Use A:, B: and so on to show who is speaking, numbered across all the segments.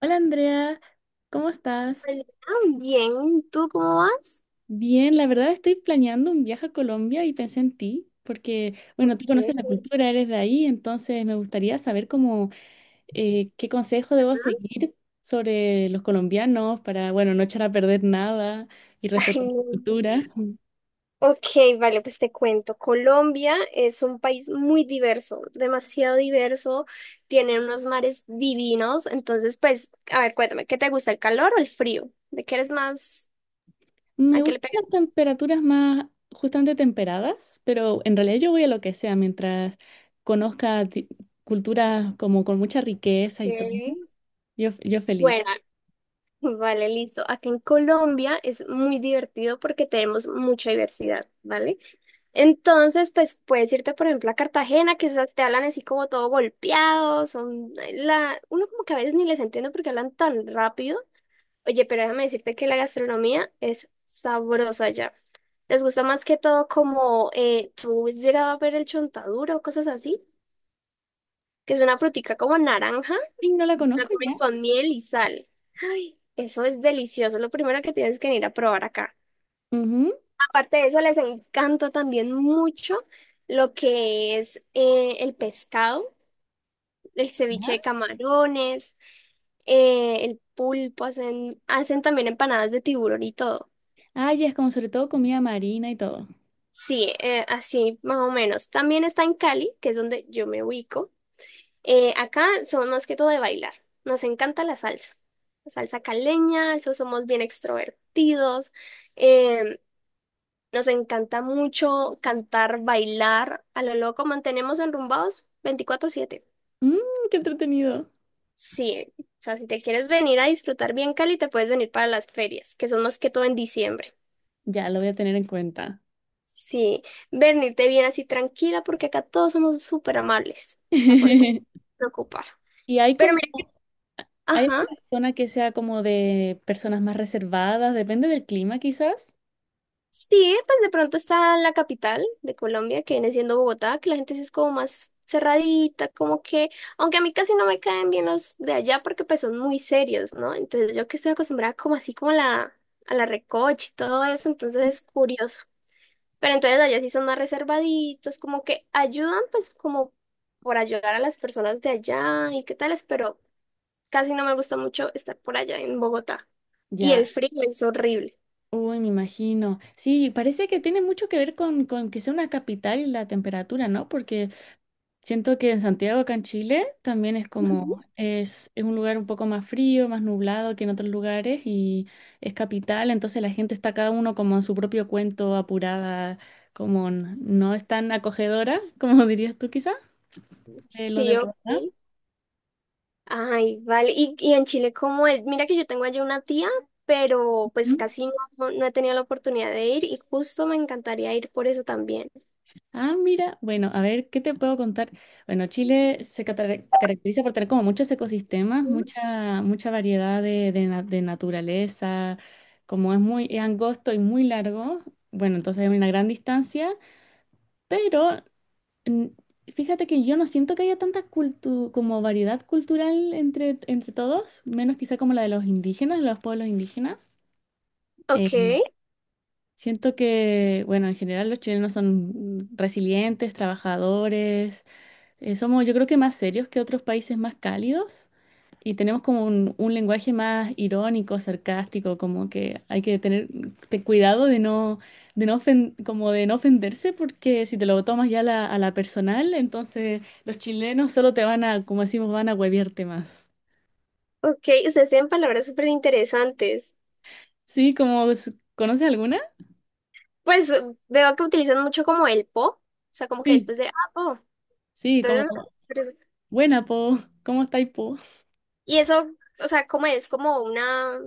A: Hola Andrea, ¿cómo estás?
B: Hola. Bien, ¿tú cómo vas?
A: Bien, la verdad estoy planeando un viaje a Colombia y pensé en ti, porque, bueno, tú conoces la
B: Chévere.
A: cultura, eres de ahí, entonces me gustaría saber cómo, qué consejo debo seguir sobre los colombianos para, bueno, no echar a perder nada y
B: Ay,
A: respetar su
B: no.
A: cultura.
B: Ok, vale, pues te cuento. Colombia es un país muy diverso, demasiado diverso, tiene unos mares divinos. Entonces, pues, a ver, cuéntame, ¿qué te gusta, el calor o el frío? ¿De qué eres más?
A: Me
B: ¿A qué le
A: gustan
B: pegas?
A: las temperaturas más justamente temperadas, pero en realidad yo voy a lo que sea mientras conozca culturas como con mucha riqueza y todo.
B: Ok.
A: Yo feliz.
B: Bueno, vale, listo. Acá en Colombia es muy divertido porque tenemos mucha diversidad, ¿vale? Entonces, pues puedes irte, por ejemplo, a Cartagena, que esas te hablan así como todo golpeado. Son la... uno como que a veces ni les entiende porque hablan tan rápido. Oye, pero déjame decirte que la gastronomía es sabrosa allá. Les gusta más que todo como, tú has llegado a ver el chontaduro o cosas así, que es una frutica como naranja,
A: Ay, no la
B: la
A: conozco
B: comen
A: ya.
B: con miel y sal. Ay, eso es delicioso. Lo primero que tienes que ir a probar acá.
A: Ujú.
B: Aparte de eso, les encanta también mucho lo que es, el pescado, el ceviche de
A: ¿Ya?
B: camarones, el pulpo. Hacen también empanadas de tiburón y todo.
A: Ah, ya es como sobre todo comida marina y todo.
B: Sí, así más o menos. También está en Cali, que es donde yo me ubico. Acá somos más que todo de bailar. Nos encanta la salsa. La salsa caleña, eso somos bien extrovertidos. Em, Nos encanta mucho cantar, bailar. A lo loco mantenemos enrumbados 24/7.
A: Mmm, qué entretenido.
B: Sí, o sea, si te quieres venir a disfrutar bien Cali, te puedes venir para las ferias, que son más que todo en diciembre.
A: Ya, lo voy a tener en cuenta.
B: Sí, venirte bien así tranquila, porque acá todos somos súper amables. O sea, por eso no te preocupar.
A: Y hay
B: Pero
A: como,
B: mira que,
A: hay
B: ajá.
A: una zona que sea como de personas más reservadas, depende del clima quizás.
B: Sí, pues de pronto está la capital de Colombia, que viene siendo Bogotá, que la gente sí es como más cerradita, como que, aunque a mí casi no me caen bien los de allá porque pues son muy serios, ¿no? Entonces yo que estoy acostumbrada como así como a a la recocha y todo eso, entonces es curioso. Pero entonces allá sí son más reservaditos, como que ayudan pues como por ayudar a las personas de allá y qué tales, pero casi no me gusta mucho estar por allá en Bogotá. Y el
A: Ya,
B: frío es horrible.
A: uy, me imagino. Sí, parece que tiene mucho que ver con que sea una capital y la temperatura, ¿no? Porque siento que en Santiago, acá en Chile, también es
B: Ujú.
A: como, es un lugar un poco más frío, más nublado que en otros lugares y es capital, entonces la gente está cada uno como en su propio cuento, apurada, como no es tan acogedora, como dirías tú quizás, de los de
B: Sí, ok.
A: Bogotá.
B: Ay, vale. Y en Chile, como el... Mira que yo tengo allí una tía, pero pues
A: ¿Mm?
B: casi no he tenido la oportunidad de ir y justo me encantaría ir por eso también.
A: Ah, mira, bueno, a ver, ¿qué te puedo contar? Bueno, Chile se caracteriza por tener como muchos ecosistemas,
B: Mm.
A: mucha variedad de, de naturaleza, como es muy es angosto y muy largo, bueno, entonces hay una gran distancia, pero mm, fíjate que yo no siento que haya tanta como variedad cultural entre, entre todos, menos quizá como la de los indígenas, los pueblos indígenas. Eh,
B: Ok,
A: siento que, bueno, en general los chilenos son resilientes, trabajadores. Somos, yo creo, que más serios que otros países más cálidos y tenemos como un lenguaje más irónico, sarcástico, como que hay que tener cuidado de no como de no ofenderse, porque si te lo tomas ya a la personal, entonces los chilenos solo te van a, como decimos, van a hueviarte más.
B: ok. Ustedes tienen palabras súper interesantes.
A: Sí, como, ¿conoces alguna?
B: Pues veo que utilizan mucho como el po, o sea, como que
A: Sí.
B: después de, ah, po.
A: Sí,
B: Entonces,
A: como,
B: pero
A: buena, po, ¿cómo estáis, po?
B: y eso, o sea, ¿cómo es? Como una,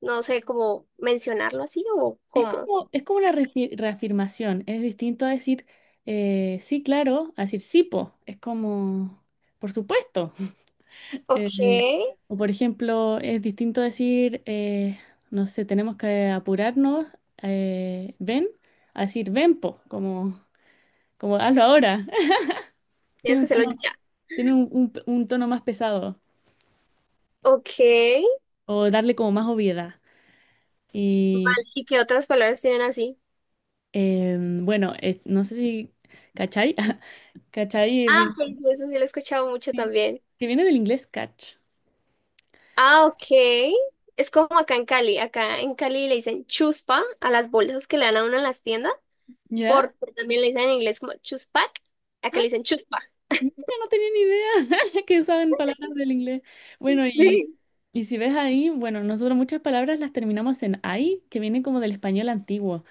B: no sé, como mencionarlo así o cómo.
A: Es como una reafirmación, es distinto a decir sí, claro, a decir sí, po. Es como, por supuesto.
B: Ok.
A: Eh, o por ejemplo, es distinto decir, no sé, tenemos que apurarnos, ven, a decir ven, po, como, como hazlo ahora.
B: Tienes
A: Tiene
B: que
A: un
B: hacerlo
A: tono,
B: ya.
A: tiene un, un tono más pesado
B: Ok.
A: o darle como más obviedad.
B: Vale.
A: Y
B: ¿Y qué otras palabras tienen así?
A: bueno, no sé si, ¿cachai? ¿Cachai? Es
B: Ah,
A: bien.
B: pues eso sí lo he escuchado mucho también.
A: Que viene del inglés catch,
B: Ah, ok. Es como acá en Cali. Acá en Cali le dicen chuspa a las bolsas que le dan a uno en las tiendas,
A: ¿ya?
B: porque también le dicen en inglés como chuspac. Acá le dicen chuspa.
A: Mira, no tenía ni idea que usaban palabras del inglés. Bueno,
B: Sí.
A: y si ves ahí, bueno, nosotros muchas palabras las terminamos en ay, que viene como del español antiguo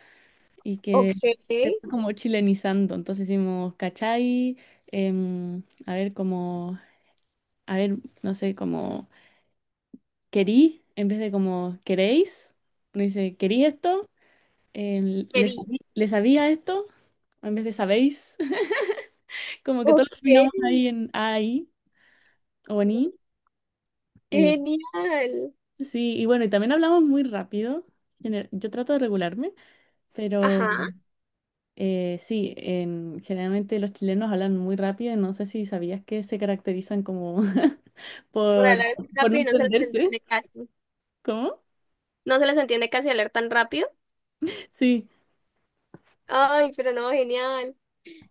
A: y
B: Ok.
A: que se fue como chilenizando. Entonces hicimos cachai, a ver, como, a ver, no sé, como querí, en vez de como queréis, uno dice, ¿querí esto? ¿Le
B: Mary.
A: le sabía esto? En vez de sabéis, como que todos
B: Ok.
A: terminamos ahí en ay. Oni. eh,
B: Genial.
A: sí, y bueno, y también hablamos muy rápido. Yo trato de regularme, pero
B: Ajá.
A: sí, generalmente los chilenos hablan muy rápido. No sé si sabías que se caracterizan como
B: Por
A: por,
B: hablar tan
A: por no
B: rápido y no se las
A: entenderse.
B: entiende casi.
A: ¿Cómo?
B: No se las entiende casi hablar tan rápido.
A: Sí,
B: Ay, pero no, genial.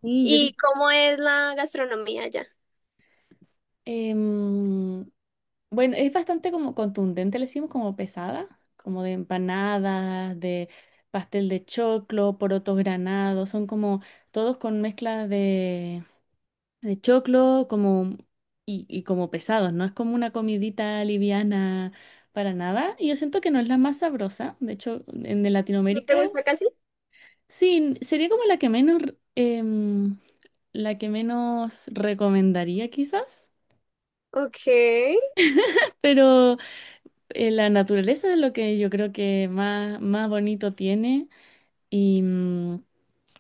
A: sí, yo
B: ¿Y
A: sí-
B: cómo es la gastronomía allá?
A: em, bueno, es bastante como contundente, le decimos como pesada, como de empanadas, de pastel de choclo, porotos granados, son como todos con mezcla de choclo como y como pesados, no es como una comidita liviana para nada. Y yo siento que no es la más sabrosa. De hecho, en de
B: ¿No
A: Latinoamérica,
B: te gusta casi?
A: sí, n- sería como la que menos r- em, la que menos recomendaría quizás.
B: Ok.
A: Pero la naturaleza es lo que yo creo que más, más bonito tiene. Y,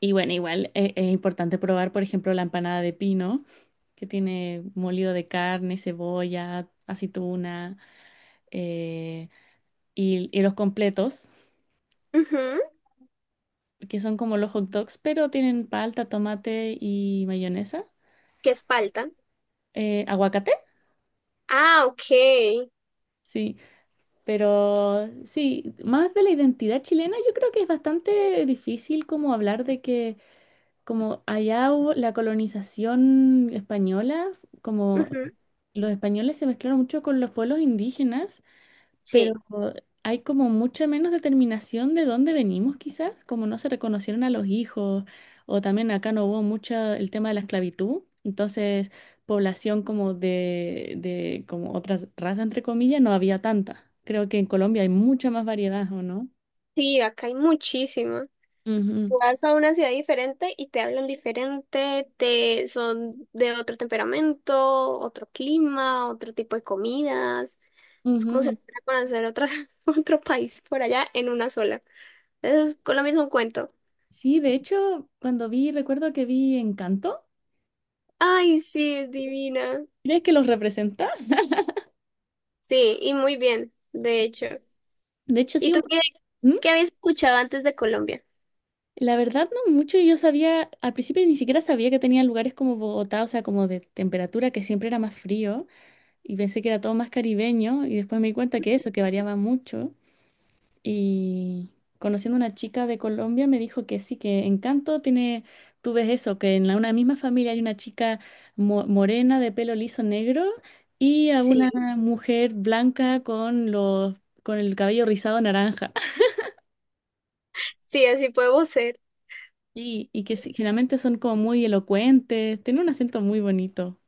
A: y bueno, igual es importante probar, por ejemplo, la empanada de pino que tiene molido de carne, cebolla, aceituna. eh, y los completos,
B: Ujú.
A: que son como los hot dogs, pero tienen palta, tomate y mayonesa.
B: Que es palta.
A: Aguacate,
B: Ah, ok.
A: sí. Pero sí, más de la identidad chilena, yo creo que es bastante difícil como hablar de que como allá hubo la colonización española, como
B: Ujú.
A: los españoles se mezclaron mucho con los pueblos indígenas, pero
B: Sí,
A: hay como mucha menos determinación de dónde venimos quizás, como no se reconocieron a los hijos, o también acá no hubo mucho el tema de la esclavitud, entonces población como de como otras razas entre comillas no había tanta. Creo que en Colombia hay mucha más variedad, ¿o no?
B: sí, acá hay muchísimo.
A: Ujú,
B: Tú vas a una ciudad diferente y te hablan diferente, te son de otro temperamento, otro clima, otro tipo de comidas. Es como si
A: ujú.
B: fuera a conocer otra, otro país por allá en una sola. Eso
A: Sí,
B: es, Colombia es un cuento.
A: sí, de hecho, cuando vi, recuerdo que vi Encanto,
B: Ay, sí, es divina.
A: ¿crees que los representa?
B: Sí, y muy bien, de hecho.
A: De hecho,
B: ¿Y
A: sí,
B: tú
A: una...
B: qué,
A: ¿Mm?
B: qué habías escuchado antes de Colombia?
A: La verdad, no mucho. Yo sabía, al principio ni siquiera sabía que tenía lugares como Bogotá, o sea, como de temperatura, que siempre era más frío, y pensé que era todo más caribeño, y después me di cuenta que eso, que variaba mucho. Y conociendo una chica de Colombia, me dijo que sí, que Encanto tiene, tú ves eso, que en la, una misma familia hay una chica morena de pelo liso negro y a una
B: Sí,
A: mujer blanca con los, con el cabello rizado naranja.
B: sí, así podemos ser.
A: Y que sí- generalmente son como muy elocuentes, tienen un acento muy bonito.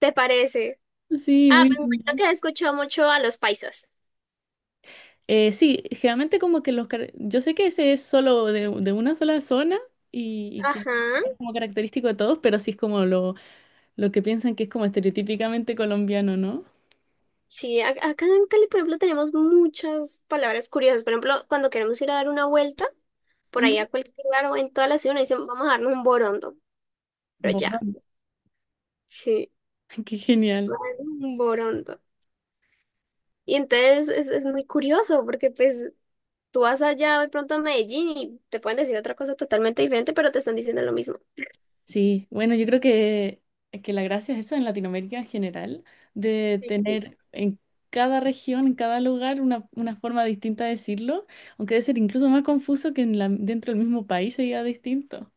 B: ¿Te parece?
A: Sí,
B: Ah,
A: muy
B: pues
A: lindo.
B: imagino que has escuchado mucho a los paisas.
A: Sí, generalmente como que los... car- Yo sé que ese es solo de una sola zona y que
B: Ajá.
A: es como característico de todos, pero sí es como lo que piensan que es como estereotípicamente colombiano, ¿no?
B: Sí, acá en Cali, por ejemplo, tenemos muchas palabras curiosas. Por ejemplo, cuando queremos ir a dar una vuelta, por ahí
A: Ujú.
B: a cualquier lugar o en toda la ciudad, nos dicen, vamos a darnos un borondo. Pero ya,
A: Borón,
B: sí,
A: qué genial.
B: vamos a darnos un borondo. Y entonces es muy curioso porque pues tú vas allá de pronto a Medellín y te pueden decir otra cosa totalmente diferente, pero te están diciendo lo mismo.
A: Sí, bueno, yo creo que la gracia es eso en Latinoamérica en general, de
B: Sí.
A: tener en cada región, en cada lugar, una forma distinta de decirlo, aunque debe ser incluso más confuso que en la, dentro del mismo país se diga distinto.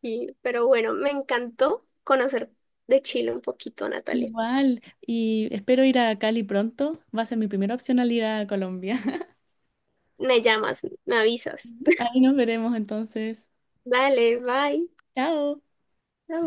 B: Sí, pero bueno, me encantó conocer de Chile un poquito, Natalia.
A: Igual, y espero ir a Cali pronto, va a ser mi primera opción al ir a Colombia.
B: Me llamas, me avisas.
A: Ahí nos veremos entonces.
B: Dale, bye.
A: Chao.
B: Chao.